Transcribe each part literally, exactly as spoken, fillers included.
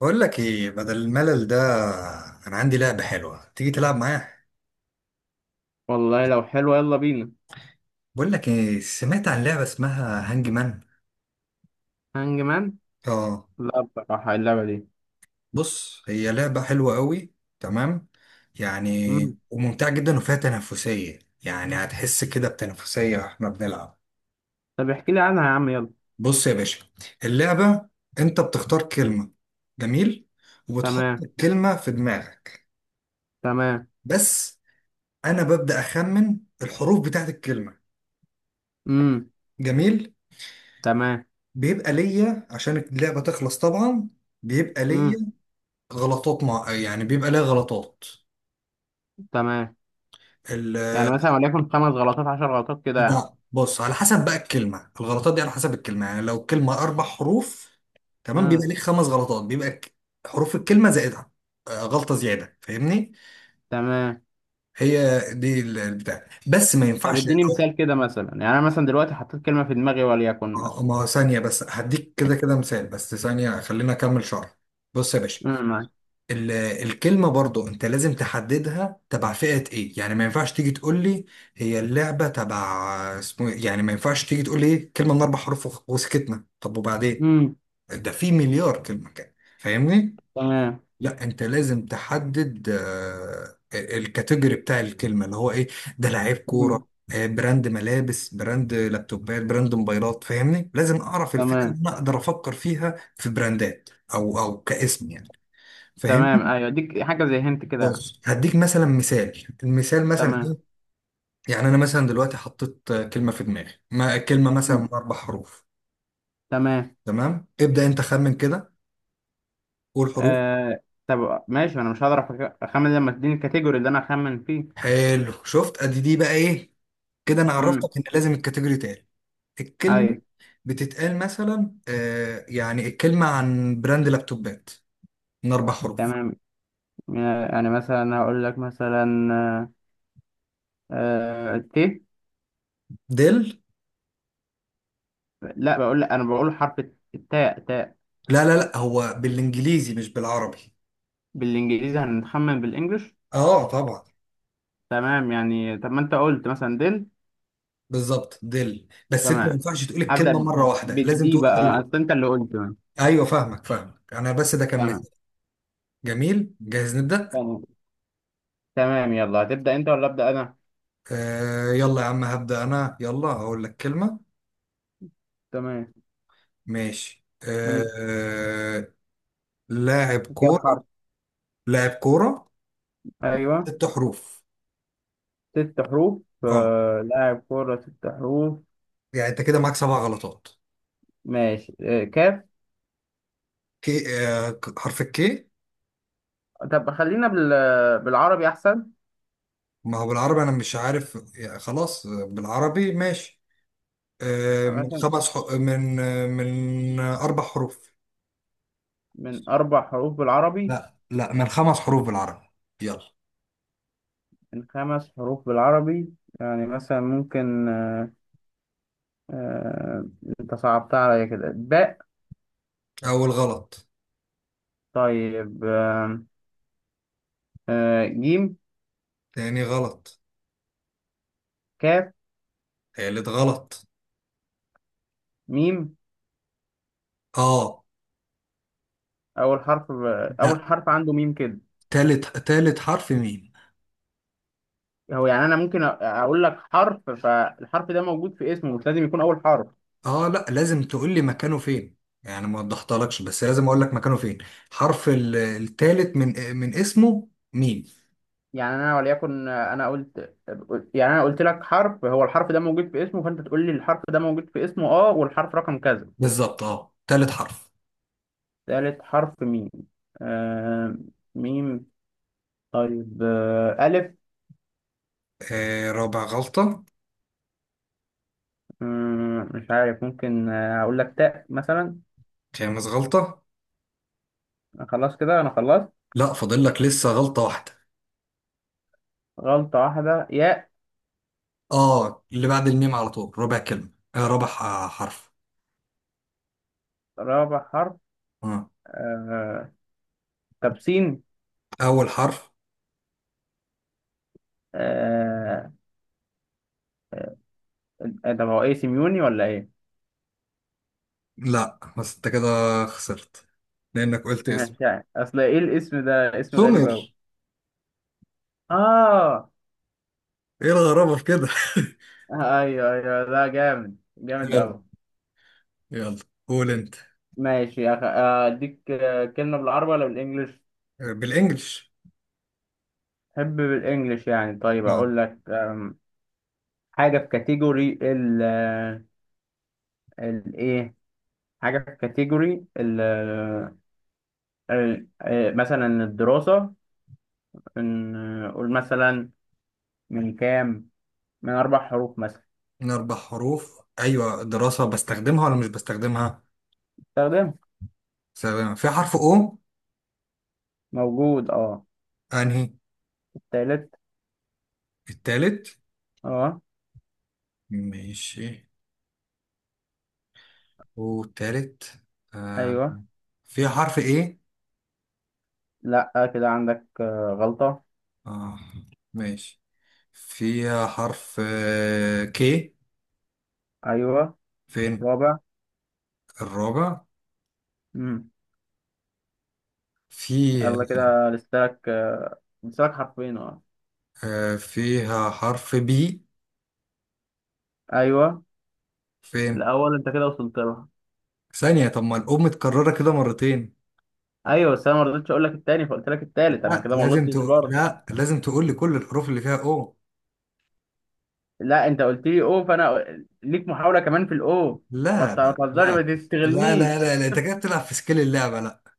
بقول لك ايه بدل الملل ده. انا عندي لعبة حلوة، تيجي تلعب معايا؟ والله لو حلوة يلا بينا. بقول لك ايه، سمعت عن لعبة اسمها هانج مان؟ هانج مان. اه. لا، بصراحة اللعبة دي. بص، هي لعبة حلوة قوي، تمام، مم. يعني وممتعة جدا وفيها تنافسية، يعني هتحس كده بتنافسية واحنا بنلعب. طب احكي لي عنها يا عم يلا. بص يا باشا، اللعبة انت بتختار كلمة، جميل، وبتحط تمام، الكلمة في دماغك تمام. بس. انا ببدأ اخمن الحروف بتاعت الكلمة، مم. جميل. تمام. بيبقى ليا عشان اللعبة تخلص طبعا، بيبقى مم. ليا غلطات، مع يعني بيبقى ليا غلطات تمام، ال... يعني مثلا وليكن خمس غلطات عشر غلطات كده يعني. بيبقى- بص، على حسب بقى الكلمة، الغلطات دي على حسب الكلمة. يعني لو الكلمة أربع حروف، تمام، بيبقى مم. ليك خمس غلطات، بيبقى ك- حروف الكلمة زائدها آه، غلطة زيادة، فاهمني؟ تمام. هي دي ال- البتاع، بس ما طب ينفعش اديني أو- مثال كده، مثلا يعني انا مثلا دلوقتي حطيت كلمة في دماغي وليكن مثلا. آه، ما ثانية بس، هديك كده كده مثال، بس ثانية خلينا أكمل شرح. بص يا باشا، مم. معاك. ال- الكلمة برضو انت لازم تحددها تبع فئة ايه. يعني ما ينفعش تيجي تقول لي هي اللعبة تبع اسمه إيه؟ يعني ما ينفعش تيجي تقول لي إيه؟ كلمة من اربع حروف وخ- وسكتنا. طب وبعدين؟ مم. ده في مليار كلمة كده، فاهمني؟ تمام. لا، انت لازم تحدد آه، الكاتيجوري بتاع الكلمة اللي هو ايه. ده لعيب مم. كورة، آه، براند ملابس، براند لابتوبات، براند موبايلات، فاهمني؟ لازم اعرف الفئة تمام، اللي انا اقدر افكر فيها في براندات او او كاسم يعني، تمام، فاهمني؟ ايوه اديك حاجة زي هنت كده يعني. بص هديك مثلا مثال، المثال مثلا تمام. ايه. يعني انا مثلا دلوقتي حطيت آه، كلمه في دماغي، ما كلمه مثلا مم. من اربع حروف. تمام. تمام، ابدا انت خمن كده، قول حروف. آه... طب ماشي انا مش هقدر أخ- اخمن لما تديني الكاتيجوري اللي انا اخمن فيه. حلو، شفت؟ ادي دي بقى ايه، كده انا مم. عرفتك ان لازم الكاتيجوري تاني. الكلمه أي. بتتقال مثلا، آه، يعني الكلمه عن براند لابتوبات من اربع حروف. تمام. يعني يعني مثلا هقول لك مثلا آه، آه، ت ديل. لا، بقول لك أنا بقول حرف. التاء تاء. لا لا لا، هو بالانجليزي مش بالعربي. بالإنجليزي هنخمن بالإنجلش. اه طبعا. تمام، يعني طب ما أنت قلت مثلا دل. بالظبط ديل، بس انت ما تمام. ينفعش تقول هبدأ الكلمه مره ب- واحده، لازم بالدي تقول حروف. بقى، أصل أنت اللي قلت تمام. ايوه، فاهمك فاهمك انا، بس ده كان مثال. تمام. جميل، جاهز نبدأ؟ تمام. تمام، يلا هتبدأ أنت ولا أبدأ أنا؟ آه يلا يا عم، هبدأ انا، يلا اقول لك كلمة. تمام. ماشي، من آه. لاعب كام كورة. حرف؟ لاعب كورة، أيوه. ست حروف. ست حروف. اه، آه، لاعب كورة ست حروف. يعني انت كده معاك سبع غلطات. ماشي، آه، كاف. كي؟ آه، ك- حرف الكي. طب خلينا بال... بالعربي أحسن. ما هو بالعربي انا مش عارف يعني، خلاص آه، بالعربي ماشي. آه من مثلا. خمس حو... من آه، من آه، اربع حروف. من أربع حروف بالعربي. لا لا، من خمس حروف بالعربي، يلا. من خمس حروف بالعربي. يعني مثلا ممكن آه آه أنت صعبتها عليا كده، باء. اول غلط. طيب، آه آه جيم. تاني غلط. كاف. تالت غلط. ميم. اه. أول حرف. لا، أول حرف عنده ميم كده. تالت تالت حرف ميم. هو يعني أنا ممكن أ- أقول لك حرف، فالحرف ده موجود في اسمه، مش لازم يكون أول حرف. اه لا، لازم تقول لي مكانه فين، يعني ما وضحتلكش بس لازم اقول لك مكانه فين. حرف ال- التالت من من اسمه ميم. يعني أنا وليكن، آه، أنا قلت. يعني أنا قلت لك حرف، هو الحرف ده موجود في اسمه، فأنت تقول لي الحرف ده موجود في اسمه، أه والحرف رقم كذا. بالظبط، اه تالت حرف. ثالث حرف ميم. آه. ميم. طيب، آه ألف. آه، رابع غلطة. مم، مش عارف ممكن آه، أقول لك تاء مثلا. خامس غلطة. خلاص كده أنا خلصت. لا، فاضل لك لسه غلطة واحدة. غلطة واحدة، ياء. اه، اللي بعد الميم على طول ربع كلمة، آه ربع ح- حرف. رابع حرف. آه. آه. طب سين. اول حرف. آه. طب هو إيه، سيميوني ولا إيه؟ لا بس انت كده خسرت لانك قلت اسم. مش عارف، أصل إيه الاسم ده، اسم غريب سمر. أوي. آه. ايه الغرابة في كده؟ أيوه، أيوه، ده جامد جامد حلو، أوي. يلا قول انت. ماشي يا أخي، آه، أديك آه، كلمة بالعربي ولا بالإنجلش؟ بالانجلش. حب بالانجلش يعني، طيب نعم. اقول لك أم، حاجه في كاتيجوري ال، الايه، حاجه في كاتيجوري ال، آه، ال- آه، مثلا الدراسه. إن- قول مثلا. من كام؟ من اربع حروف مثلا. من اربع حروف. ايوه، دراسة بستخدمها ولا مش بستخدمها؟ استخدمه. بستخدمها في حرف او؟ موجود، اه. انهي؟ تالت. التالت. اه. ماشي، والتالت؟ آه. ايوه. في حرف ايه؟ لا، كده عندك آه، غلطه. آه، ماشي، في حرف آه، كي. ايوه. فين؟ رابع. الرابع. امم. في. يلا كده لسه لك آه، لسه لك حرفين، اه. آه، فيها حرف بي. ايوه. فين؟ الاول، انت كده وصلت له. ثانية، طب ما الأم متكررة كده مرتين. ايوه، بس انا ما رضيتش اقول لك التاني، فقلت لك التالت، انا لا كده ما لازم غلطتش تقول، برضه. لا لازم تقول لي كل الحروف اللي فيها او. لا، انت قلت لي او، فانا ليك محاوله كمان في الاو. ما لا ت- ما لا تهزري، لا ما لا لا لا تستغلنيش. لا, انت كده بتلعب في سكيل اللعبه، لا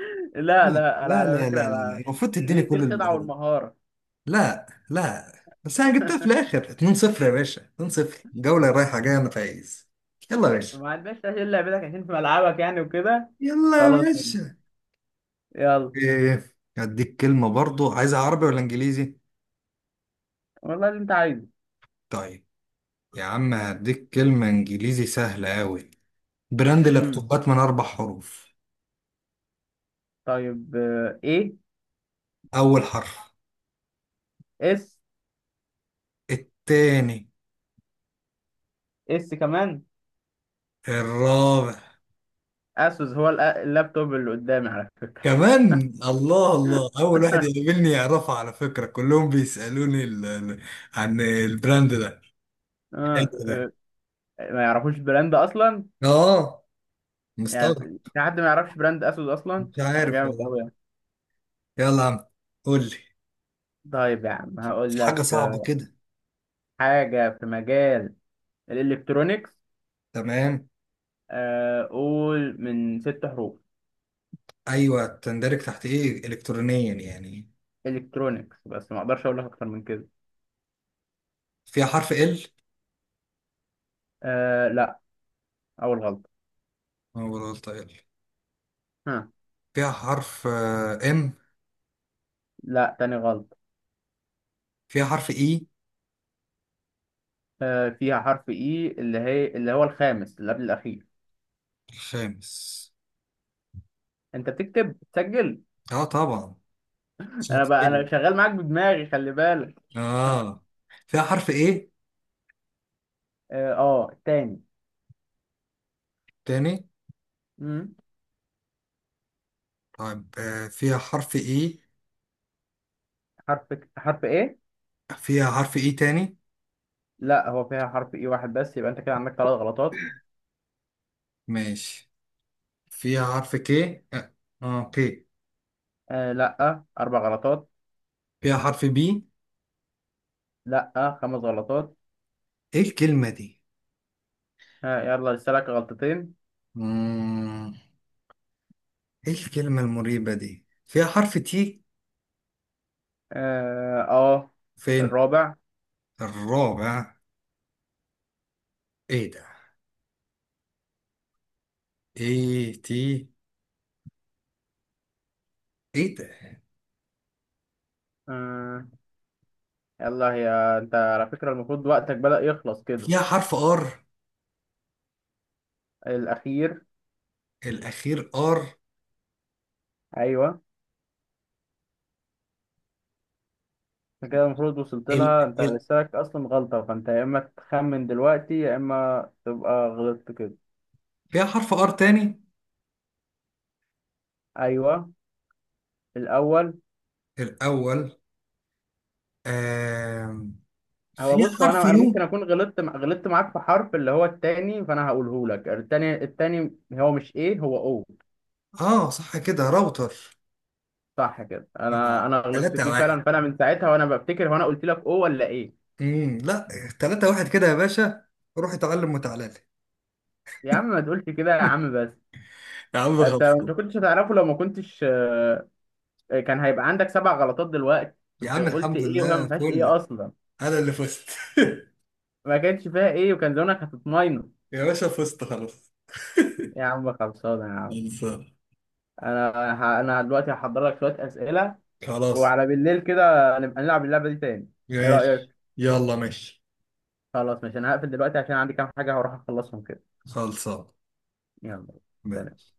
لا، لا لا، انا لا على لا لا لا. فكره، المفروض تديني دي دي كل الخدعه الحروف. والمهاره. لا لا، بس انا جبتها في الاخر، اتنين صفر يا باشا، اتنين صفر جوله رايحه جايه، انا فايز. يلا يا باشا. ما عندناش تسهيل لعبتك عشان في ملعبك، يعني وكده. يلا يا خلاص. باشا. يلا. ايه، هديك كلمه برضو، عايزها عربي ولا انجليزي؟ والله اللي انت عايزه. طيب يا عم، هديك كلمه انجليزي سهله قوي، براند امم. لابتوبات من اربع حروف. طيب، آه، ايه. اول حرف. اس. التاني. اس كمان. الرابع. اسوس، هو الأ- اللابتوب اللي قدامي على فكره. كمان؟ الله الله، اول واحد يقابلني يعرفه، على فكرة كلهم بيسألوني ال... ال- عن البراند ده، البراند آه، ده. آه، ما يعرفوش البراند اصلا اه يعني. مستغرب. في حد ما يعرفش براند اسود اصلا. مش هو عارف جامد والله. قوي يعني. يلا يا عم قول لي، طيب يا عم هقول في حاجة لك، صعبة آه، كده. حاجه في مجال الالكترونيكس. تمام. آه، قول من ست حروف. ايوه، تندرج تحت ايه الكترونيا يعني؟ الكترونيكس بس ما اقدرش اقول لك اكتر من كده. فيها حرف ال؟ آه لا، اول غلطه. انا بقول غلطة ال. ها. فيها حرف ام؟ لا، تاني غلطه. فيها حرف اي؟ آه فيها حرف اي، اللي هي اللي هو الخامس، اللي قبل الاخير. الخامس. انت بتكتب، بتسجل؟ اه طبعا. انا بقى شاطر. انا شغال معاك بدماغي، خلي بالك. اه، فيها حرف ايه اه آه، تاني. تاني؟ مم. طيب آه، فيها حرف ايه؟ حرف حرف ايه؟ فيها حرف ايه تاني؟ لا، هو فيها حرف اي واحد بس، يبقى انت كده عندك ثلاث غلطات. ماشي، فيها حرف كي؟ اه، آه، كي. آه لا، اربع غلطات. فيها حرف بي؟ لا، خمس غلطات. ايه الكلمة دي؟ آه يلا لسه لك غلطتين. مم. ايه الكلمة المريبة دي؟ فيها حرف تي؟ اه آه، فين؟ الرابع. الرابع. ايه ده، ايه تي، ايه ده؟ آه يلا هي. انت على فكرة المفروض وقتك بدأ يخلص كده. فيها حرف ار؟ الاخير. الاخير. ار. ايوه. أنت كده المفروض وصلت ال... لها، انت ال... لسه لك اصلا غلطة، فانت يا اما تخمن دلوقتي يا اما تبقى غلطت كده. فيها حرف ار تاني؟ ايوه. الاول. الاول. آم، هو فيها بص هو حرف انا انا يو؟ ممكن اكون غلطت مع... غلطت معاك في حرف، اللي هو التاني، فانا هقوله لك، التاني التاني هو مش ايه، هو او. اه صح، كده راوتر. صح كده، انا اه انا غلطت تلاتة فيه واحد. فعلا، فانا من ساعتها وانا بفتكر هو انا قلت لك او ولا ايه. امم لا، تلاتة واحد كده يا باشا، روح اتعلم وتعالى لي. يا عم ما تقولش كده يا عم بس. يا عم انت خلصوا انت كنتش هتعرفه، لو ما كنتش، آه، كان هيبقى عندك سبع غلطات دلوقتي. يا كنت عم، قلت الحمد ايه وهي ما لله، فيهاش فل، ايه اصلا. انا اللي فزت. ما كانش فيها ايه، وكان زمانك هتطمنه. يا باشا فزت خلاص. يا عم خلصانه يا عم. خلصان. انا ه... انا دلوقتي هحضر لك شويه اسئله، خلاص وعلى بالليل كده نبقى نلعب اللعبة دي تاني، ايه ماشي. رأيك؟ يلا ماشي. خلاص، ماشي، انا هقفل دلوقتي عشان عندي كام حاجة هروح اخلصهم كده. خلصان. يلا. سلام. ماشي.